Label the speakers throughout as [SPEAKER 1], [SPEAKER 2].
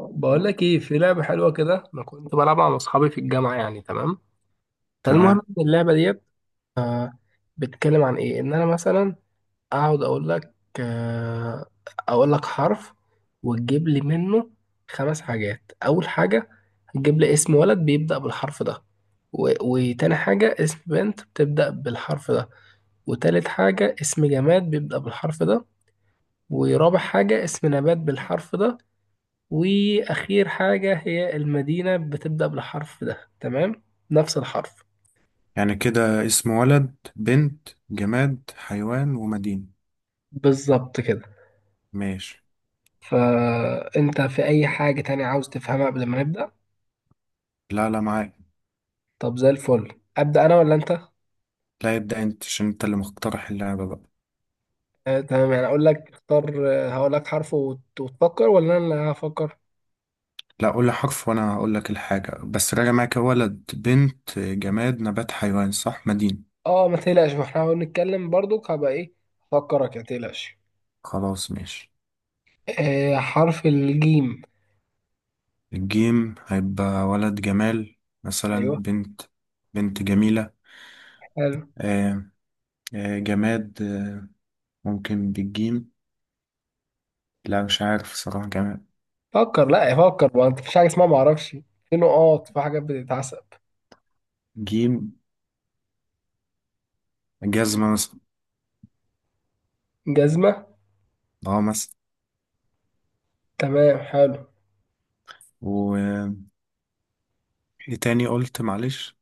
[SPEAKER 1] بقول لك ايه، في لعبه حلوه كده انا كنت بلعبها مع اصحابي في الجامعه، يعني تمام. فالمهم
[SPEAKER 2] تمام.
[SPEAKER 1] إن اللعبه ديت آه بتتكلم عن ايه، ان انا مثلا اقعد اقول لك. آه اقول لك حرف وتجيب لي منه خمس حاجات. اول حاجه هتجيب لي اسم ولد بيبدا بالحرف ده، وتاني حاجه اسم بنت بتبدا بالحرف ده، وتالت حاجه اسم جماد بيبدا بالحرف ده، ورابع حاجه اسم نبات بالحرف ده، واخير حاجة هي المدينة بتبدأ بالحرف ده. تمام، نفس الحرف.
[SPEAKER 2] يعني كده اسم ولد، بنت، جماد، حيوان، ومدينة.
[SPEAKER 1] بالظبط كده.
[SPEAKER 2] ماشي.
[SPEAKER 1] فانت في اي حاجة تانية عاوز تفهمها قبل ما نبدأ؟
[SPEAKER 2] لا لا، معاك.
[SPEAKER 1] طب زي الفل، ابدأ انا ولا انت؟
[SPEAKER 2] لا، يبدأ انت عشان انت اللي مقترح اللعبة بقى.
[SPEAKER 1] تمام، يعني اقول لك اختار. آه، هقول لك حرف وتفكر ولا انا اللي هفكر؟
[SPEAKER 2] لا، قول لي حرف وانا هقول لك الحاجة، بس راجع معاك ولد بنت جماد نبات حيوان، صح؟ مدينة.
[SPEAKER 1] اه ما تقلقش، ما احنا بنتكلم برضك. هبقى ايه، افكرك، ما تقلقش.
[SPEAKER 2] خلاص ماشي.
[SPEAKER 1] آه، حرف الجيم.
[SPEAKER 2] الجيم هيبقى ولد جمال مثلا.
[SPEAKER 1] ايوه.
[SPEAKER 2] بنت جميلة.
[SPEAKER 1] حلو.
[SPEAKER 2] آه. جماد ممكن بالجيم. لا مش عارف صراحة، جماد.
[SPEAKER 1] فكر، لا فكر، ما انت مفيش حاجة اسمها ما اعرفش، في نقاط، في حاجات بتتعسب.
[SPEAKER 2] جيم، جزمة مثلا.
[SPEAKER 1] جزمة.
[SPEAKER 2] اه.
[SPEAKER 1] تمام، حلو.
[SPEAKER 2] مثلا. ايه تاني قلت؟ معلش.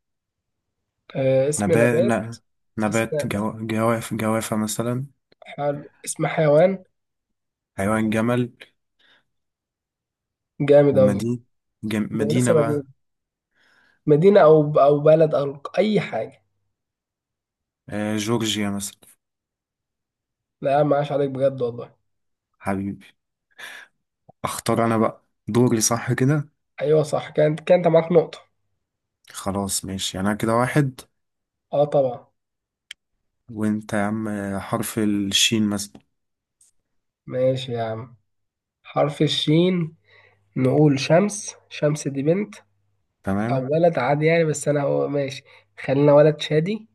[SPEAKER 1] آه اسم
[SPEAKER 2] نبات
[SPEAKER 1] نبات. اسم
[SPEAKER 2] نبات
[SPEAKER 1] نبات.
[SPEAKER 2] جو... جواف جوافة مثلا.
[SPEAKER 1] حلو. اسم حيوان.
[SPEAKER 2] حيوان جمل.
[SPEAKER 1] جامد أوي.
[SPEAKER 2] ومدينة.
[SPEAKER 1] ده أنا
[SPEAKER 2] مدينة
[SPEAKER 1] لسه مدينة.
[SPEAKER 2] بقى.
[SPEAKER 1] مدينة أو أو بلد أو أي حاجة.
[SPEAKER 2] آه، جورجيا مثلا.
[SPEAKER 1] لا ما عاش عليك بجد والله.
[SPEAKER 2] حبيبي. اختار انا بقى دوري، صح كده؟
[SPEAKER 1] أيوة صح، كانت معاك نقطة.
[SPEAKER 2] خلاص ماشي، انا كده واحد.
[SPEAKER 1] أه طبعا.
[SPEAKER 2] وانت يا عم. حرف الشين مثلا.
[SPEAKER 1] ماشي يا عم. حرف الشين. نقول شمس، شمس دي بنت أو
[SPEAKER 2] تمام.
[SPEAKER 1] ولد عادي يعني، بس أنا هو ماشي. خلينا ولد شادي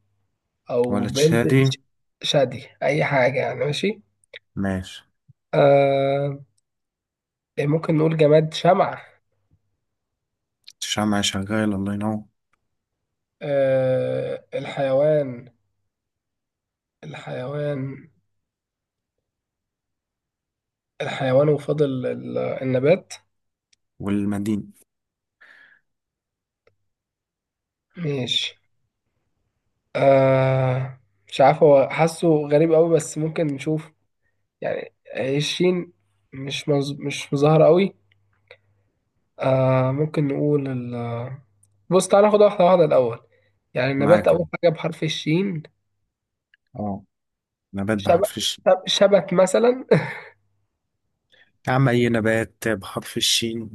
[SPEAKER 1] أو
[SPEAKER 2] ولا
[SPEAKER 1] بنت
[SPEAKER 2] تشادي.
[SPEAKER 1] شادي، أي حاجة يعني، ماشي.
[SPEAKER 2] ماشي.
[SPEAKER 1] آه، ممكن نقول جماد شمعة.
[SPEAKER 2] الشمعة شغال، الله ينور.
[SPEAKER 1] آه الحيوان. الحيوان. الحيوان، وفضل النبات.
[SPEAKER 2] والمدينة.
[SPEAKER 1] ماشي. آه، مش عارف هو حاسه غريب قوي، بس ممكن نشوف. يعني هي الشين مش مظاهرة قوي. آه ممكن نقول ال... بص تعالى ناخد واحدة واحدة الأول. يعني النبات
[SPEAKER 2] معاك أهو.
[SPEAKER 1] أول حاجة بحرف الشين.
[SPEAKER 2] اه. نبات
[SPEAKER 1] شبت،
[SPEAKER 2] بحرف الشين.
[SPEAKER 1] شبت مثلا
[SPEAKER 2] يا عم، اي نبات بحرف الشين.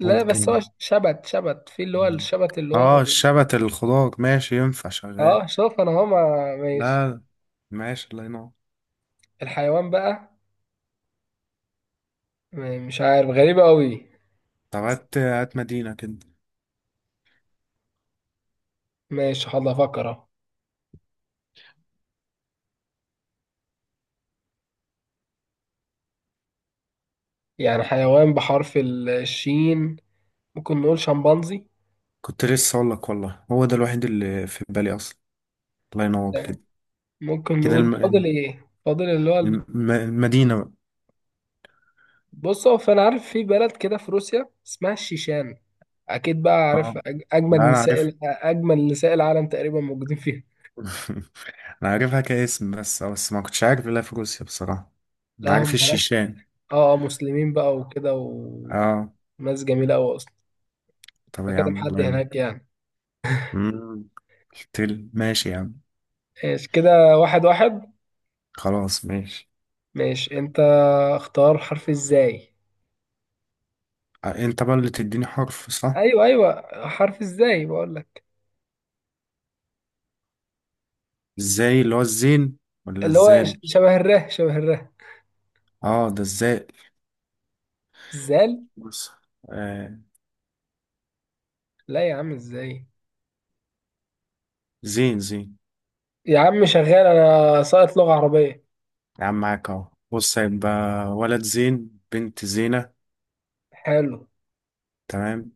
[SPEAKER 1] لا بس هو
[SPEAKER 2] ممكن.
[SPEAKER 1] شبت، شبت في اللي هو الشبت اللي
[SPEAKER 2] اه،
[SPEAKER 1] هو.
[SPEAKER 2] الشبت الخضار، ماشي ينفع شغال.
[SPEAKER 1] اه شوف انا هو ماشي.
[SPEAKER 2] لا، ماشي، الله ينور.
[SPEAKER 1] الحيوان بقى. مش عارف غريبة قوي.
[SPEAKER 2] طب هات هات مدينة كده.
[SPEAKER 1] ماشي حاضر، افكر اهو. يعني حيوان بحرف الشين، ممكن نقول شمبانزي.
[SPEAKER 2] كنت لسه اقول لك والله، هو ده الوحيد اللي في بالي اصلا. الله ينور
[SPEAKER 1] لا،
[SPEAKER 2] كده.
[SPEAKER 1] ممكن
[SPEAKER 2] كده
[SPEAKER 1] نقول فاضل ايه، فاضل اللي هو
[SPEAKER 2] المدينة بقى.
[SPEAKER 1] بص هو، فانا عارف في بلد كده في روسيا اسمها الشيشان، اكيد بقى
[SPEAKER 2] اه.
[SPEAKER 1] عارف.
[SPEAKER 2] لا،
[SPEAKER 1] اجمل
[SPEAKER 2] انا
[SPEAKER 1] نساء
[SPEAKER 2] عارف.
[SPEAKER 1] اجمل نساء العالم تقريبا موجودين فيها.
[SPEAKER 2] انا عارفها كاسم بس، بس ما كنتش عارف الا في روسيا بصراحة. انا
[SPEAKER 1] لا
[SPEAKER 2] عارف
[SPEAKER 1] هم هناك.
[SPEAKER 2] الشيشان.
[SPEAKER 1] اه آه، مسلمين بقى وكده
[SPEAKER 2] اه.
[SPEAKER 1] وناس جميلة قوي اصلا.
[SPEAKER 2] طب يا
[SPEAKER 1] بكلم
[SPEAKER 2] عم،
[SPEAKER 1] حد
[SPEAKER 2] الله ينور.
[SPEAKER 1] هناك يعني.
[SPEAKER 2] مم. ماشي يا عم.
[SPEAKER 1] ماشي كده واحد واحد.
[SPEAKER 2] خلاص ماشي.
[SPEAKER 1] ماشي انت، اختار حرف ازاي.
[SPEAKER 2] انت بقى اللي تديني حرف، صح؟
[SPEAKER 1] ايوه ايوه، حرف ازاي بقول لك.
[SPEAKER 2] ازاي، اللي هو الزين ولا
[SPEAKER 1] اللي هو
[SPEAKER 2] الزال؟
[SPEAKER 1] شبه الره، شبه الره.
[SPEAKER 2] اه، ده الزال.
[SPEAKER 1] زال.
[SPEAKER 2] بص. آه.
[SPEAKER 1] لا يا عم ازاي،
[SPEAKER 2] زين، زين.
[SPEAKER 1] يا عم شغال انا، ساقط لغة عربية.
[SPEAKER 2] يا عم معاك اهو. بص هيبقى ولد زين، بنت زينة.
[SPEAKER 1] حلو.
[SPEAKER 2] تمام.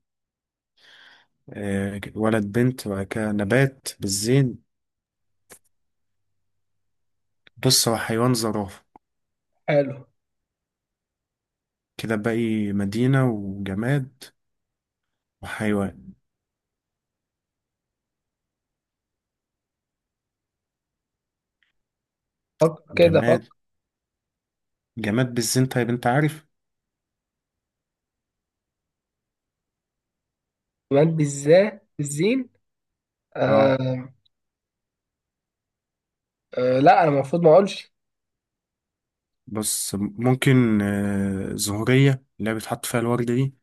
[SPEAKER 2] آه، ولد بنت، وبعد كده نبات بالزين. بص، هو حيوان زرافة.
[SPEAKER 1] حلو.
[SPEAKER 2] كده باقي مدينة وجماد. وحيوان.
[SPEAKER 1] فكر كده، فكر.
[SPEAKER 2] جماد. جماد بالزين، طيب انت عارف.
[SPEAKER 1] كمان بالزين.
[SPEAKER 2] اه.
[SPEAKER 1] آه. آه لا انا المفروض ما اقولش.
[SPEAKER 2] بص ممكن زهرية، اللي هي بيتحط فيها الورد دي.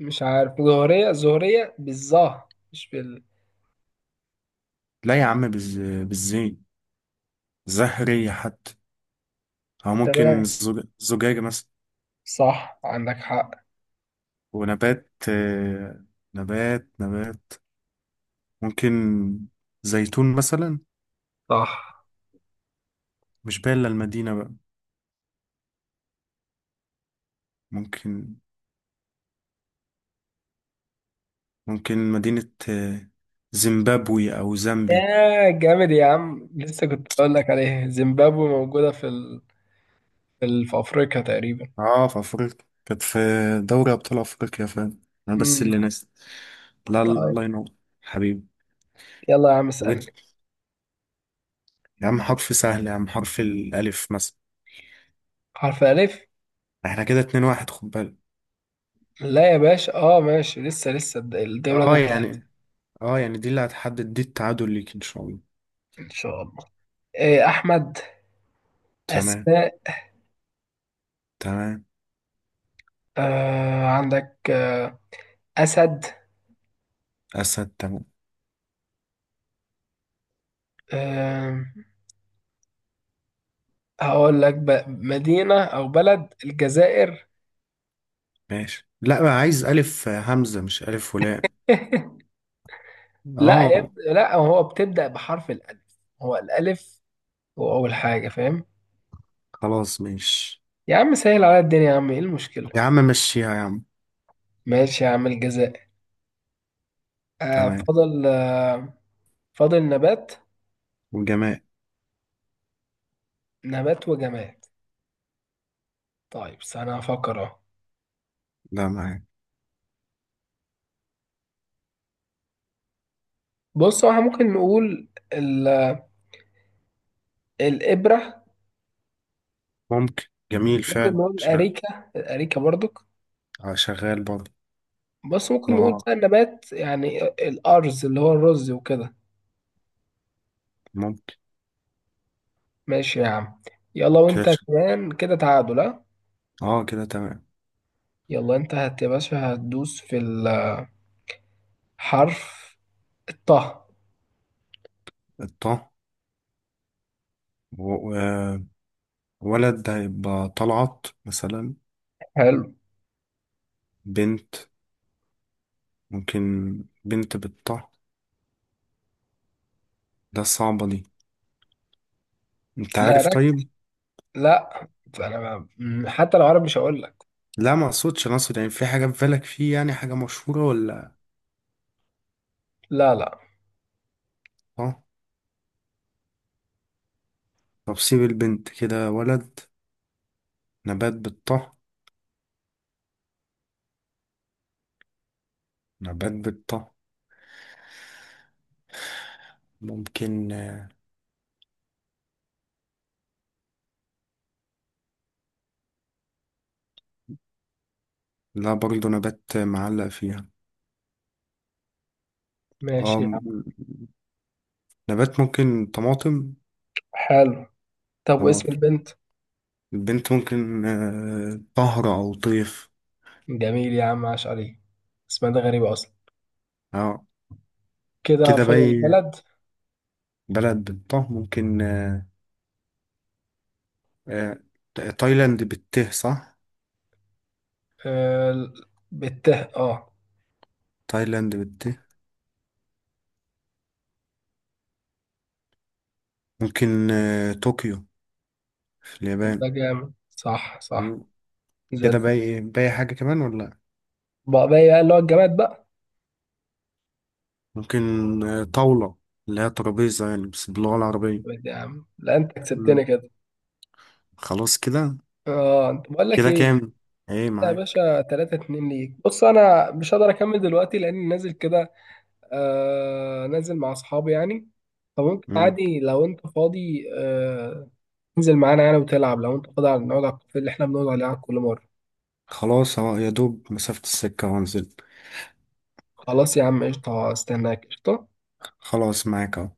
[SPEAKER 1] مش عارف، زهرية، زهرية بالظا مش بال.
[SPEAKER 2] لا يا عم، بالزين. زهرية حتى. أو ممكن
[SPEAKER 1] تمام،
[SPEAKER 2] زجاجة مثلا.
[SPEAKER 1] صح عندك حق.
[SPEAKER 2] ونبات. نبات ممكن زيتون مثلا.
[SPEAKER 1] صح.
[SPEAKER 2] مش باين إلا المدينة بقى. ممكن. ممكن مدينة، زيمبابوي أو زامبي.
[SPEAKER 1] يا جامد يا عم، لسه كنت بقول لك عليه زيمبابوي موجودة في ال... في في افريقيا تقريبا.
[SPEAKER 2] اه، في أفريقيا. كانت في دوري أبطال أفريقيا، فاهم. أنا بس
[SPEAKER 1] امم
[SPEAKER 2] اللي ناس. لا، الله ينور. حبيبي.
[SPEAKER 1] يلا يا عم
[SPEAKER 2] ويت.
[SPEAKER 1] اسألني.
[SPEAKER 2] يا عم حرف سهل يا عم، حرف الألف مثلا.
[SPEAKER 1] حرف الألف.
[SPEAKER 2] احنا كده اتنين واحد، خد بالك.
[SPEAKER 1] لا يا باشا، اه ماشي، لسه لسه الدولة
[SPEAKER 2] اه
[SPEAKER 1] دي بتاعتي.
[SPEAKER 2] يعني. اه يعني دي اللي هتحدد، دي التعادل ليك إن شاء الله.
[SPEAKER 1] ان شاء الله. إيه، أحمد.
[SPEAKER 2] تمام.
[SPEAKER 1] أسماء.
[SPEAKER 2] تمام.
[SPEAKER 1] آه عندك آه. أسد.
[SPEAKER 2] أسد. تمام.
[SPEAKER 1] آه هقول لك مدينة أو بلد، الجزائر.
[SPEAKER 2] ماشي، لا بقى عايز ألف همزة مش ألف ولام.
[SPEAKER 1] لا يا
[SPEAKER 2] أه.
[SPEAKER 1] ابني لا، هو بتبدأ بحرف الألف، هو الألف هو أول حاجة، فاهم؟
[SPEAKER 2] خلاص ماشي.
[SPEAKER 1] يا عم سهل على الدنيا، يا عم ايه المشكلة.
[SPEAKER 2] يا عم مشيها يا عم.
[SPEAKER 1] ماشي يا عم، الجزائر. آه
[SPEAKER 2] تمام.
[SPEAKER 1] فضل، آه فضل نبات.
[SPEAKER 2] وجماء.
[SPEAKER 1] نبات وجماد. طيب استنى افكر اهو.
[SPEAKER 2] لا، معاك.
[SPEAKER 1] بص هو احنا ممكن نقول ال... الابره.
[SPEAKER 2] ممكن. جميل
[SPEAKER 1] ممكن
[SPEAKER 2] فعلا.
[SPEAKER 1] نقول الاريكه، الاريكه برضك.
[SPEAKER 2] آه، شغال برضه.
[SPEAKER 1] بس ممكن نقول
[SPEAKER 2] لغة.
[SPEAKER 1] بقى النبات يعني الارز اللي هو الرز وكده.
[SPEAKER 2] ممكن.
[SPEAKER 1] ماشي يا عم. يلا،
[SPEAKER 2] كده
[SPEAKER 1] وانت كمان كده تعادل، ها.
[SPEAKER 2] أه، كده تمام.
[SPEAKER 1] يلا انت هت يا باشا، هتدوس في الحرف الطه.
[SPEAKER 2] الطه. و- و- ولد ده هيبقى طلعت مثلا.
[SPEAKER 1] حلو.
[SPEAKER 2] بنت. ممكن. بنت بالطه. ده صعبة دي. أنت
[SPEAKER 1] لا
[SPEAKER 2] عارف
[SPEAKER 1] رك...
[SPEAKER 2] طيب؟
[SPEAKER 1] لا، انا حتى لو عربي مش هقول لك.
[SPEAKER 2] لا ما أقصدش، أنا أقصد يعني في حاجة في بالك، فيه يعني حاجة مشهورة ولا.
[SPEAKER 1] لا لا.
[SPEAKER 2] أه. طب سيب البنت كده، ولد. نبات بالطه. نبات بالطه. ممكن. لا برضه، نبات معلق فيها. اه
[SPEAKER 1] ماشي يا عم.
[SPEAKER 2] نبات ممكن طماطم.
[SPEAKER 1] حلو. طب واسم
[SPEAKER 2] طماطم.
[SPEAKER 1] البنت؟
[SPEAKER 2] البنت ممكن طهر أو طيف.
[SPEAKER 1] جميل يا عم، عاش عليه. اسمها ده غريبة أصلا.
[SPEAKER 2] اه.
[SPEAKER 1] كده
[SPEAKER 2] كده
[SPEAKER 1] فاضل
[SPEAKER 2] باي.
[SPEAKER 1] بلد.
[SPEAKER 2] بلد بالطه ممكن. آه، تايلاند بالته، صح؟
[SPEAKER 1] آه بالته، اه.
[SPEAKER 2] تايلاند بالته. ممكن طوكيو في اليابان.
[SPEAKER 1] ده جامد، صح صح.
[SPEAKER 2] مم.
[SPEAKER 1] زي
[SPEAKER 2] كده
[SPEAKER 1] الفل.
[SPEAKER 2] باي باي، حاجة كمان ولا لأ؟
[SPEAKER 1] بقى، بقى إيه، بقى اللي هو الجماد بقى.
[SPEAKER 2] ممكن طاولة، اللي هي ترابيزة يعني بس باللغة العربية.
[SPEAKER 1] طب يا عم لا، انت
[SPEAKER 2] مم.
[SPEAKER 1] كسبتني كده.
[SPEAKER 2] خلاص كده.
[SPEAKER 1] اه، انت بقول لك
[SPEAKER 2] كده
[SPEAKER 1] ايه.
[SPEAKER 2] كام؟ ايه
[SPEAKER 1] أنت يا
[SPEAKER 2] معاك.
[SPEAKER 1] باشا 3-2 ليك. بص انا مش هقدر اكمل دلوقتي لاني نازل كده، آه نازل مع اصحابي يعني. فممكن
[SPEAKER 2] مم.
[SPEAKER 1] عادي لو انت فاضي، آه تنزل معانا يعني وتلعب، لو انت فاضي، على نقعد على الكافيه اللي احنا بنقعد عليه على كل مره.
[SPEAKER 2] خلاص اهو، يا دوب مسافة السكة وانزل.
[SPEAKER 1] خلاص يا عم قشطه، استناك قشطه.
[SPEAKER 2] خلاص معاك اهو.